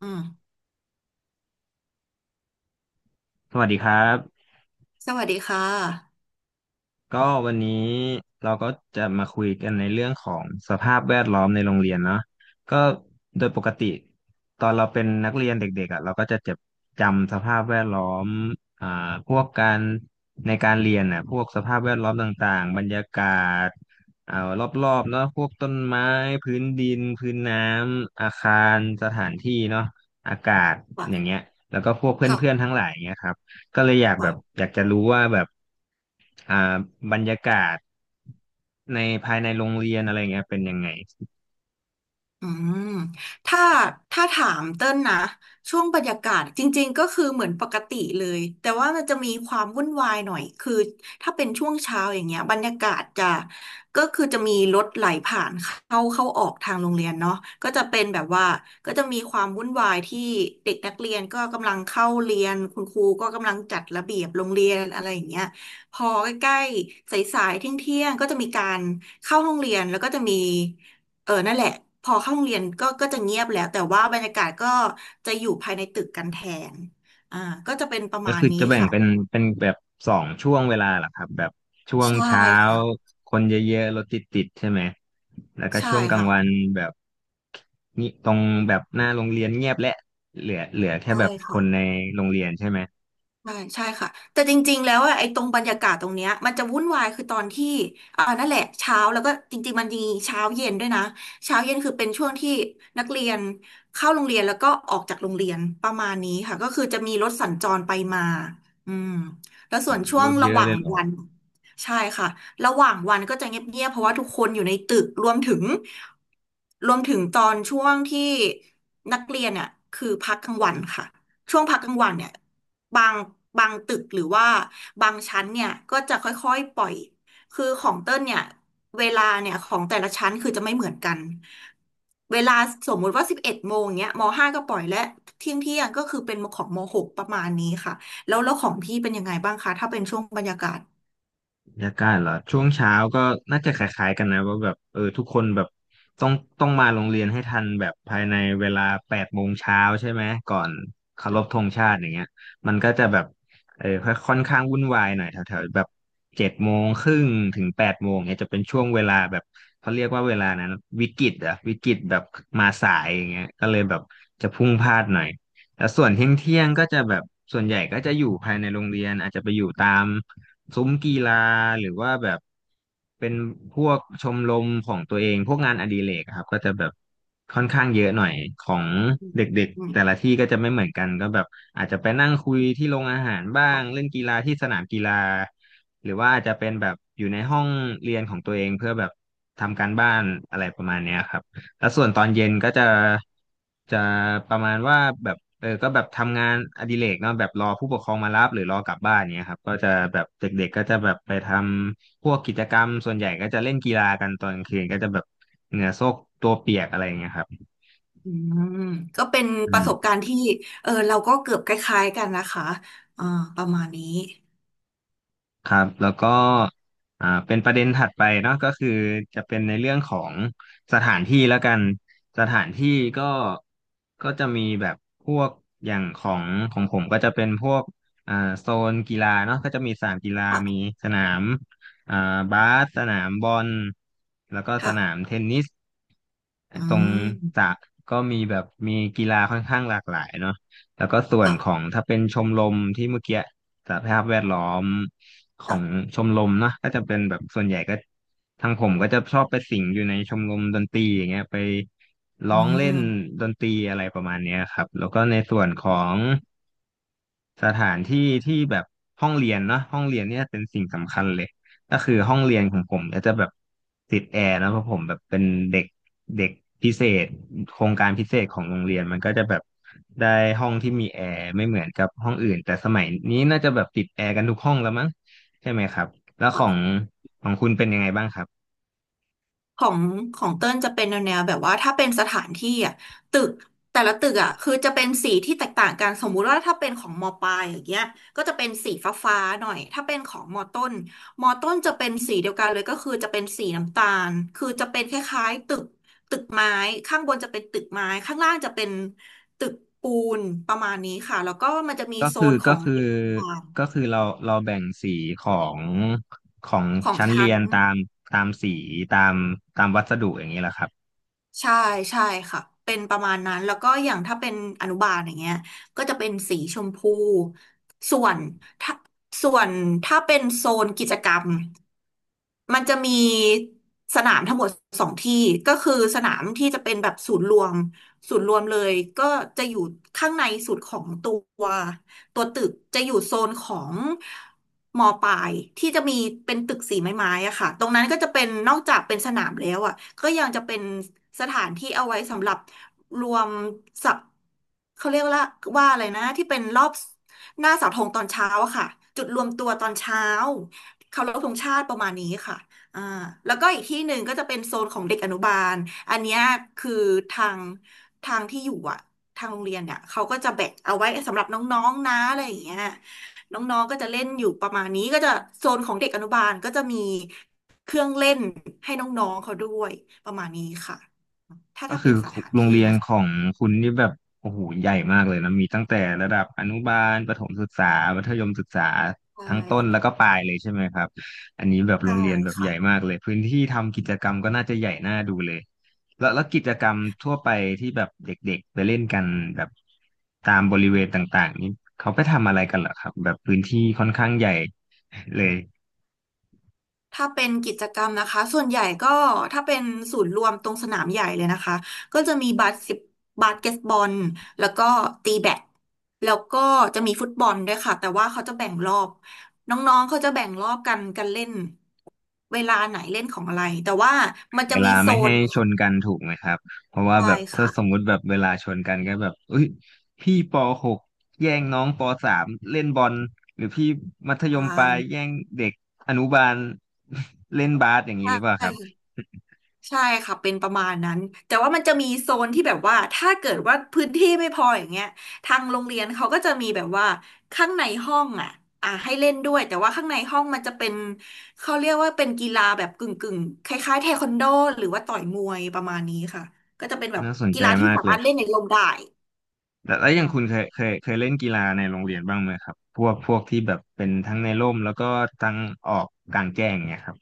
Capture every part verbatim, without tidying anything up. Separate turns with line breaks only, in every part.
อืม
สวัสดีครับ
สวัสดีค่ะ
ก็วันนี้เราก็จะมาคุยกันในเรื่องของสภาพแวดล้อมในโรงเรียนเนาะก็โดยปกติตอนเราเป็นนักเรียนเด็กๆอ่ะเราก็จะจ็บจำสภาพแวดล้อมอ่าพวกการในการเรียนน่ะพวกสภาพแวดล้อมต่างๆบรรยากาศอ่ารอบๆเนาะพวกต้นไม้พื้นดินพื้นน้ำอาคารสถานที่เนาะอากาศอย่างเงี้
ว่ะ
ยแล้วก็พวกเพื่อนๆ
ค่ะ
ทั้งหลายเงี้ยครับก็เลยอยากแบบ
ว่ะ
อยากจะรู้ว่าแบบ อ่าบรรยากาศในภายในโรงเรียนอะไรเงี้ยเป็นยังไง
อืมถ้าถ้าถามเต้นนะช่วงบรรยากาศจริงๆก็คือเหมือนปกติเลยแต่ว่ามันจะมีความวุ่นวายหน่อยคือถ้าเป็นช่วงเช้าอย่างเงี้ยบรรยากาศจะก็คือจะมีรถไหลผ่านเข้าเข้าออกทางโรงเรียนเนาะก็จะเป็นแบบว่าก็จะมีความวุ่นวายที่เด็กนักเรียนก็กำลังเข้าเรียนคุณครูก็กำลังจัดระเบียบโรงเรียนอะไรอย่างเงี้ยพอใกล้ๆสายๆเที่ยงๆก็จะมีการเข้าห้องเรียนแล้วก็จะมี เออนั่นแหละพอเข้าโรงเรียนก็ก็จะเงียบแล้วแต่ว่าบรรยากาศก็จะอยู่ภายในตึกกันแทนอ่าก็จะเป็นประ
ก็
มาณ
คือ
นี้
จะแบ่ง
ค่ะ
เป็นเป็นแบบสองช่วงเวลาเหรอครับแบบช่วง
ใช่
เช้า
ค่ะ
คนเยอะๆรถติดๆใช่ไหมแล้วก็
ใช่
ช่วงกลาง
ค่ะ
วันแบบนี่ตรงแบบหน้าโรงเรียนเงียบและเหลือเหลือแค่
ใช่
แบบค
ค่ะ
นในโรงเรียนใช่ไหม
ใช่ใช่ค่ะแต่จริงๆแล้วอะไอ้ตรงบรรยากาศตรงเนี้ยมันจะวุ่นวายคือตอนที่อ่านั่นแหละเช้าแล้วก็จริงๆมันมีเช้าเย็นด้วยนะเช้าเย็นคือเป็นช่วงที่นักเรียนเข้าโรงเรียนแล้วก็ออกจากโรงเรียนประมาณนี้ค่ะก็คือจะมีรถสัญจรไปมาอืมแล้วส่
โอ้
วน
โห
ช่ว
ร
ง
ถเย
ระห
อะ
ว่า
เล
ง
ยเหรอ
วันใช่ค่ะระหว่างวันก็จะเงียบๆเพราะว่าทุกคนอยู่ในตึกรวมถึงรวมถึงตอนช่วงที่นักเรียนเนี่ยคือพักกลางวันค่ะช่วงพักกลางวันเนี่ย บางบางตึกหรือว่าบางชั้นเนี่ยก็จะค่อยๆปล่อยคือของเต้นเนี่ยเวลาเนี่ยของแต่ละชั้นคือจะไม่เหมือนกันเวลาสมมุติว่าสิบเอ็ดโมงเนี้ยมห้าก็ปล่อยและเที่ยงเที่ยงก็คือเป็นของมหกประมาณนี้ค่ะแล้วแล้วของพี่เป็นยังไงบ้างคะถ้าเป็นช่วงบรรยากาศ
บรรยากาศเหรอช่วงเช้าก็น่าจะคล้ายๆกันนะว่าแบบเออทุกคนแบบต้องต้องมาโรงเรียนให้ทันแบบภายในเวลาแปดโมงเช้าใช่ไหมก่อนเคารพธงชาติอย่างเงี้ยมันก็จะแบบเออค่อยค่อนข้างวุ่นวายหน่อยแถวๆแบบเจ็ดโมงครึ่งถึงแปดโมงเนี่ยจะเป็นช่วงเวลาแบบเขาเรียกว่าเวลานั้นวิกฤตอะวิกฤตแบบมาสายอย่างเงี้ยก็เลยแบบจะพลุ่งพลาดหน่อย แล้วส่วนเที่ยงเที่ยงก็จะแบบส่วนใหญ่ก็จะอยู่ภายในโรงเรียนอาจจะไปอยู่ตามซุ้มกีฬาหรือว่าแบบเป็นพวกชมรมของตัวเองพวกงานอดิเรกอะครับก็จะแบบค่อนข้างเยอะหน่อยของเด็ก
อื
ๆ
ม
แต่ละที่ก็จะไม่เหมือนกันก็แบบอาจจะไปนั่งคุยที่โรงอาหารบ้างเล่นกีฬาที่สนามกีฬาหรือว่าอาจจะเป็นแบบอยู่ในห้องเรียนของตัวเองเพื่อแบบทำการบ้านอะไรประมาณเนี้ยครับ แล้วส่วนตอนเย็นก็จะจะประมาณว่าแบบเออก็แบบทำงานอดิเรกเนาะแบบรอผู้ปกครองมารับหรือรอกลับบ้านเนี้ยครับก็จะแบบเด็กๆก็จะแบบไปทำพวกกิจกรรมส่วนใหญ่ก็จะเล่นกีฬากันตอนกลางคืนก็จะแบบเหงื่อโซกตัวเปียกอะไรอย่างเงี้ยครับ
อืมก็เป็น
อื
ประ
ม
สบการณ์ที่เออเราก็เกือบคล้ายๆกันนะคะอ่าประมาณนี้
ครับแล้วก็อ่าเป็นประเด็นถัดไปเนาะก็คือจะเป็นในเรื่องของสถานที่แล้วกันสถานที่ก็ก็จะมีแบบพวกอย่างของของผมก็จะเป็นพวกอ่าโซนกีฬาเนาะก็จะมีสนามกีฬามี
ค่ะ
สนามอ่าบาสสนามบอลแล้วก็ส
ค่ะ
นามเทนนิส
อื
ตรงส
ม
ระก็มีแบบมีกีฬาค่อนข้างหลากหลายเนาะ แล้วก็ส่วน
ค่ะ
ของถ้าเป็นชมรมที่เมื่อกี้สหภาพแวดล้อมขอ
ค่ะ
งชมรมเนาะก็จะเป็นแบบส่วนใหญ่ก็ทางผมก็จะชอบไปสิงอยู่ในชมรมดนตรีอย่างเงี้ยไป
อื
ร้องเล่น
ม
ดนตรีอะไรประมาณเนี้ยครับแล้วก็ในส่วนของ สถานที่ที่แบบห้องเรียนเนาะห้องเรียนเนี่ยเป็นสิ่งสำคัญเลยก็คือห้องเรียนของผมเนี่ยจะแบบติดแอร์นะเพราะผมแบบเป็นเด็กเด็กพิเศษโครงการพิเศษของโรงเรียนมันก็จะแบบได้ห้องที่มีแอร์ไม่เหมือนกับห้องอื่นแต่สมัยนี้น่าจะแบบติดแอร์กันทุกห้องแล้วมั้งใช่ไหมครับแล้วของของคุณเป็นยังไงบ้างครับ
ของของเติ้ลจะเป็นแนวแนวแบบว่าถ้าเป็นสถานที่อ่ะตึกแต่ละตึกอ่ะคือจะเป็นสีที่แตกต่างกันสมมุติว่าถ้าเป็นของมปลายอย่างเงี้ยก็จะเป็นสีฟ้าฟ้าหน่อยถ้าเป็นของมต้นมต้นจะเป็นสีเดียวกันเลยก็คือจะเป็นสีน้ำตาลคือจะเป็นคล้ายๆตึกตึกไม้ข้างบนจะเป็นตึกไม้ข้างล่างจะเป็นตึกปูนประมาณนี้ค่ะแล้วก็มันจะมี
ก็
โซ
คือ
นขอ
ก็
ง
คือ
เด็กต่าง
ก็คือเราเราแบ่งสีของของ
ๆของ
ชั้นเรี
ชั้น
ยนตามตามสีตามตามวัสดุอย่างนี้แหละครับ
ใช่ใช่ค่ะเป็นประมาณนั้นแล้วก็อย่างถ้าเป็นอนุบาลอย่างเงี้ยก็จะเป็นสีชมพูส่วนส่วนถ้าเป็นโซนกิจกรรม มันจะมีสนามทั้งหมดสองที่ก็คือสนามที่จะเป็นแบบศูนย์รวมศูนย์รวมเลยก็จะอยู่ข้างในสุดของตัวตัวตึกจะอยู่โซนของมอปลายที่จะมีเป็นตึกสีไม้ๆอะค่ะตรงนั้นก็จะเป็นนอกจากเป็นสนามแล้วอะก็ยังจะเป็นสถานที่เอาไว้สำหรับรวมสับเขาเรียกว่าว่าอะไรนะที่เป็นรอบหน้าเสาธงตอนเช้าอะค่ะจุดรวมตัวตอนเช้า เคารพธงชาติประมาณนี้ค่ะอ่าแล้วก็อีกที่หนึ่งก็จะเป็นโซนของเด็กอนุบาลอันเนี้ยคือทางทางที่อยู่อะทางโรงเรียนเนี่ยเขาก็จะแบ่งเอาไว้สำหรับน้องๆนะอะไรอย่างเงี้ยน้องๆก็จะเล่นอยู่ประมาณนี้ก็จะโซนของเด็กอนุบาลก็จะมีเครื่องเล่นให้น้องๆเขาด้วยประมาณนี้ค่ะ
ก็คือโรงเรียนของคุณนี่แบบโอ้โหใหญ่มากเลยนะมีตั้งแต่ระดับอนุบาลประถมศึกษามัธยมศึกษา
ใช
ทั้งต้น
่
แล้วก็ปลายเลยใช่ไหมครับอันนี้แบบโร
ใช่
งเรียนแบบให
ค่ะ
ญ่มากเลยพื้นที่ทำกิจกรรมก็น่าจะใหญ่น่าดูเลยแล้วแล้วกิจกรรมทั่วไปที่แบบเด็กๆไปเล่นกันแบบตามบริเวณต่างๆนี้เขาไปทำอะไรกันเหรอครับแบบพื้นที่ค่อนข้างใหญ่เลย
ถ้าเป็นกิจกรรมนะคะส่วนใหญ่ก็ถ้าเป็นศูนย์รวมตรงสนามใหญ่เลยนะคะก็จะมีบาสสิบบาสเกตบอลแล้วก็ตีแบดแล้วก็จะมีฟุตบอลด้วยค่ะแต่ว่าเขาจะแบ่งรอบน้องๆเขาจะแบ่งรอบกันกันเล่นเวลาไหนเล่นของอะไรแต่ว่ามัน
เว
จะมี
ลา
โซ
ไม่ให้
น
ชนกันถูกไหมครับเพราะว่า
ใช่
แบบถ้า
ค่ะ
สมมุติแบบเวลาชนกันก็แบบเอ้ยพี่ปหกแย่งน้องปสามเล่นบอลหรือพี่มัธยมปลาย
ใช
แย่งเด็กอนุบาล เล่นบาสอย่างนี้หรือเปล่าครับ
่ ใช่ค่ะเป็นประมาณนั้นแต่ว่ามันจะมีโซนที่แบบว่าถ้าเกิดว่าพื้นที่ไม่พออย่างเงี้ยทางโรงเรียนเขาก็จะมีแบบว่าข้างในห้องอ่ะอ่ะให้เล่นด้วยแต่ว่าข้างในห้องมันจะเป็นเขาเรียกว่าเป็นกีฬาแบบกึ่งกึ่งคล้ายๆเทควันโดหรือว่าต่อยมวยประมาณนี้ค่ะก็จะเป็นแบบ
น่าสน
กี
ใจ
ฬาที่
มาก
สา
เล
มา
ย
รถเล่นในร่มได้
แต่แล้วอ
อื
ย่าง
ม
คุณเคยเคยเคยเล่นกีฬาในโรงเรียนบ้างไหมครับพวกพวกที่แบบเป็นทั้งในร่มแล้วก็ทั้งออกกลางแจ้งเนี่ยครับ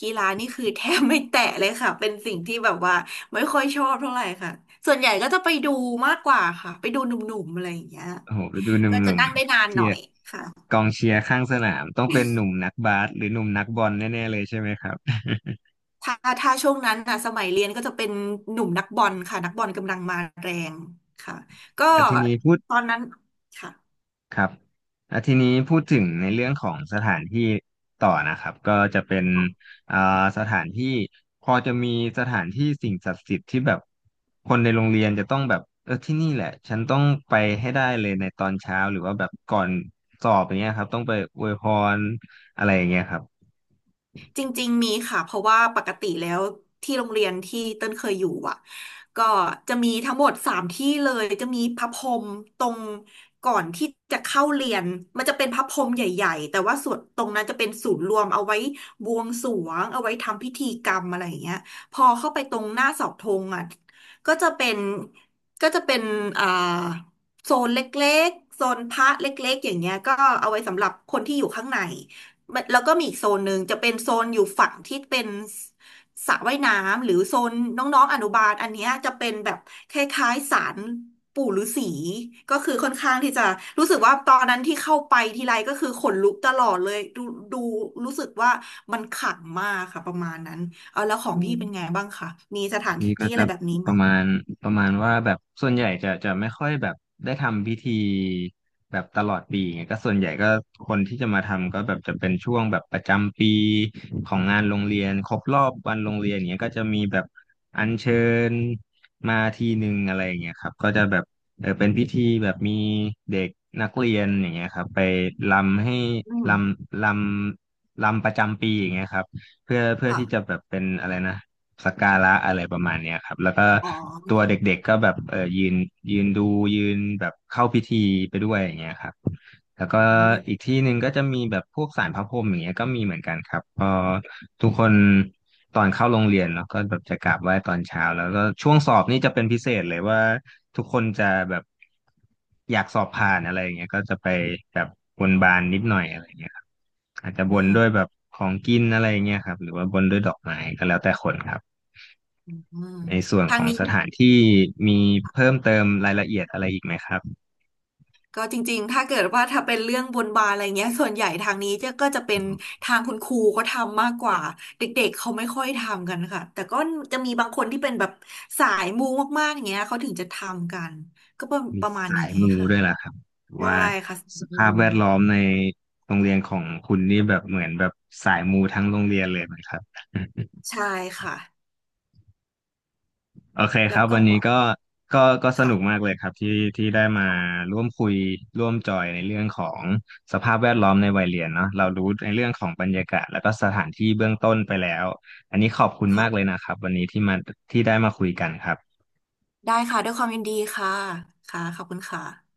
กีฬานี่คือแทบไม่แตะเลยค่ะเป็นสิ่งที่แบบว่าไม่ค่อยชอบเท่าไหร่ค่ะส่วนใหญ่ก็จะไปดูมากกว่าค่ะไปดูหนุ่มๆอะไรอย่างเงี้ย
โอ้โหไปดูหนุ
ก็จะ
่ม
นั่งได้นาน
ๆ
ห
ที่
น่อยค่ะ
กองเชียร์ข้างสนามต้องเป็นหนุ่มนักบาสหรือหนุ่มนักบอลแน่ๆเลยใช่ไหมครับ
ถ้าถ้าช่วงนั้นนะสมัยเรียนก็จะเป็นหนุ่มนักบอลค่ะนักบอลกำลังมาแรงค่ะ ก็
อาทีนี้พูด
ตอนนั้นค่ะ
ครับอาทีนี้พูดถึงในเรื่องของสถานที่ต่อนะครับก็จะเป็นอ่าสถานที่พอจะมีสถานที่สิ่งศักดิ์สิทธิ์ที่แบบคนในโรงเรียนจะต้องแบบเออที่นี่แหละฉันต้องไปให้ได้เลยในตอนเช้าหรือว่าแบบก่อนสอบอย่างเงี้ยครับต้องไปอวยพรอะไรอย่างเงี้ยครับ
จริงๆมีค่ะเพราะว่าปกติแล้วที่โรงเรียนที่เต้นเคยอยู่อ่ะก็จะมีทั้งหมดสามที่เลยจะมีพระพรหมตรงก่อนที่จะเข้าเรียนมันจะเป็นพระพรหมใหญ่ๆแต่ว่าส่วนตรงนั้นจะเป็นศูนย์รวมเอาไว้บวงสรวงเอาไว้ทำพิธีกรรมอะไรอย่างเงี้ยพอเข้าไปตรงหน้าเสาธงอ่ะก็จะเป็นก็จะเป็นอ่าโซนเล็กๆโซนพระเล็กๆอย่างเงี้ยก็เอาไว้สำหรับคนที่อยู่ข้างใน มันแล้วก็มีอีกโซนหนึ่งจะเป็นโซนอยู่ฝั่งที่เป็นสระว่ายน้ำหรือโซนน้องๆอนุบาลอันเนี้ยจะเป็นแบบคล้ายๆศาลปู่ฤาษีก็คือค่อนข้างที่จะรู้สึกว่าตอนนั้นที่เข้าไปทีไรก็คือขนลุกตลอดเลยดูดูรู้สึกว่ามันขลังมากค่ะประมาณนั้นเอาแล้วของพี่เป็นไงบ้างคะมีสถานท
พี่ก็
ี่อะ
จะ
ไรแบบนี้
ป
ไหม
ระมาณประมาณว่าแบบส่วนใหญ่จะจะไม่ค่อยแบบได้ทำพิธีแบบตลอดปีไงก็ส่วนใหญ่ก็คนที่จะมาทำก็แบบจะเป็นช่วงแบบประจำปีของงานโรงเรียนครบรอบวันโรงเรียนเนี้ยก็จะมีแบบอัญเชิญมาทีหนึ่งอะไรอย่างเงี้ยครับก็จะแบบเออเป็นพิธีแบบมีเด็กนักเรียนอย่างเงี้ยครับไปรำให้
อืม
รำรำรำประจำปีอย่างเงี้ยครับเพื่อเพื่อที่จะ
ค่ะ
แบบเป็นอะไรนะ สักการะอะไรประมาณเนี้ยครับแล้วก็
อ๋อ
ตัวเด็กๆก็แบบเออยืนยืนดูยืนแบบเข้าพิธีไปด้วยอย่างเงี้ยครับแล้ว
อื
ก็อีก
ม
ที่หนึ่งก็จะมีแบบพวกศาลพระพรหมอย่างเงี้ยก็มีเหมือนกันครับพอทุกคนตอนเข้าโรงเรียนเนาะก็แบบจะกราบไหว้ตอนเช้าแล้วก็ช่วงสอบนี่จะเป็นพิเศษเลยว่าทุกคนจะแบบอยากสอบผ่านอะไรอย่างเงี้ยก็จะไปแบบบนบานนิดหน่อยอะไรอย่างเงี้ยครับอาจจะ
อื
บน
ม
ด้วยแบบของกินอะไรอย่างเงี้ยครับหรือว่าบนด้วยดอกไม้ก็แล้วแต่คนครับ
อืม
ในส่วน
ทา
ข
ง
อง
นี้
สถานที่มีเพิ่มเติมรายละเอียดอะไรอีกไหมครับ
ก็จริงๆถ้าเกิดว่าถ้าเป็นเรื่องบนบานอะไรเงี้ยส่วนใหญ่ทางนี้จะก็จะเป็
อื
น
ม
ทางคุณครูเขาทำมากกว่าเด็กๆเขาไม่ค่อยทำกันค่ะแต่ก็จะมีบางคนที่เป็นแบบสายมูมากๆอย่างเงี้ยเขาถึงจะทำกันก็ประ
มี
ประมาณ
สา
นี้
ยมู
ค่ะ
ด้วยล่ะครับ
ได้
ว่า
ค่ะสา
ส
ยมู
ภาพแวดล้อมในโรงเรียนของคุณนี่แบบเหมือนแบบสายมูทั้งโรงเรียนเลยไหมครับ
ใช่ค่ะ
โอเคค
แล้ว
รับ
ก็
วันนี้ก็ก็ก็สนุกมา
ค่ะ
กเลยครับที่ที่ได้มา
ค่ะ
ร่วมคุยร่วมจอยในเรื่องของสภาพแวดล้อมในวัยเรียนเนาะเรารู้ในเรื่องของบรรยากาศแล้วก็สถานที่เบื้องต้นไปแล้วอันนี้ขอบคุณ
ค่ะ
มากเลยนะครับวันนี้ที่มาที่ได้มาคุยกันครับ
ได้ค่ะด้วยความยินดีค่ะค่ะขอบคุณค่ะ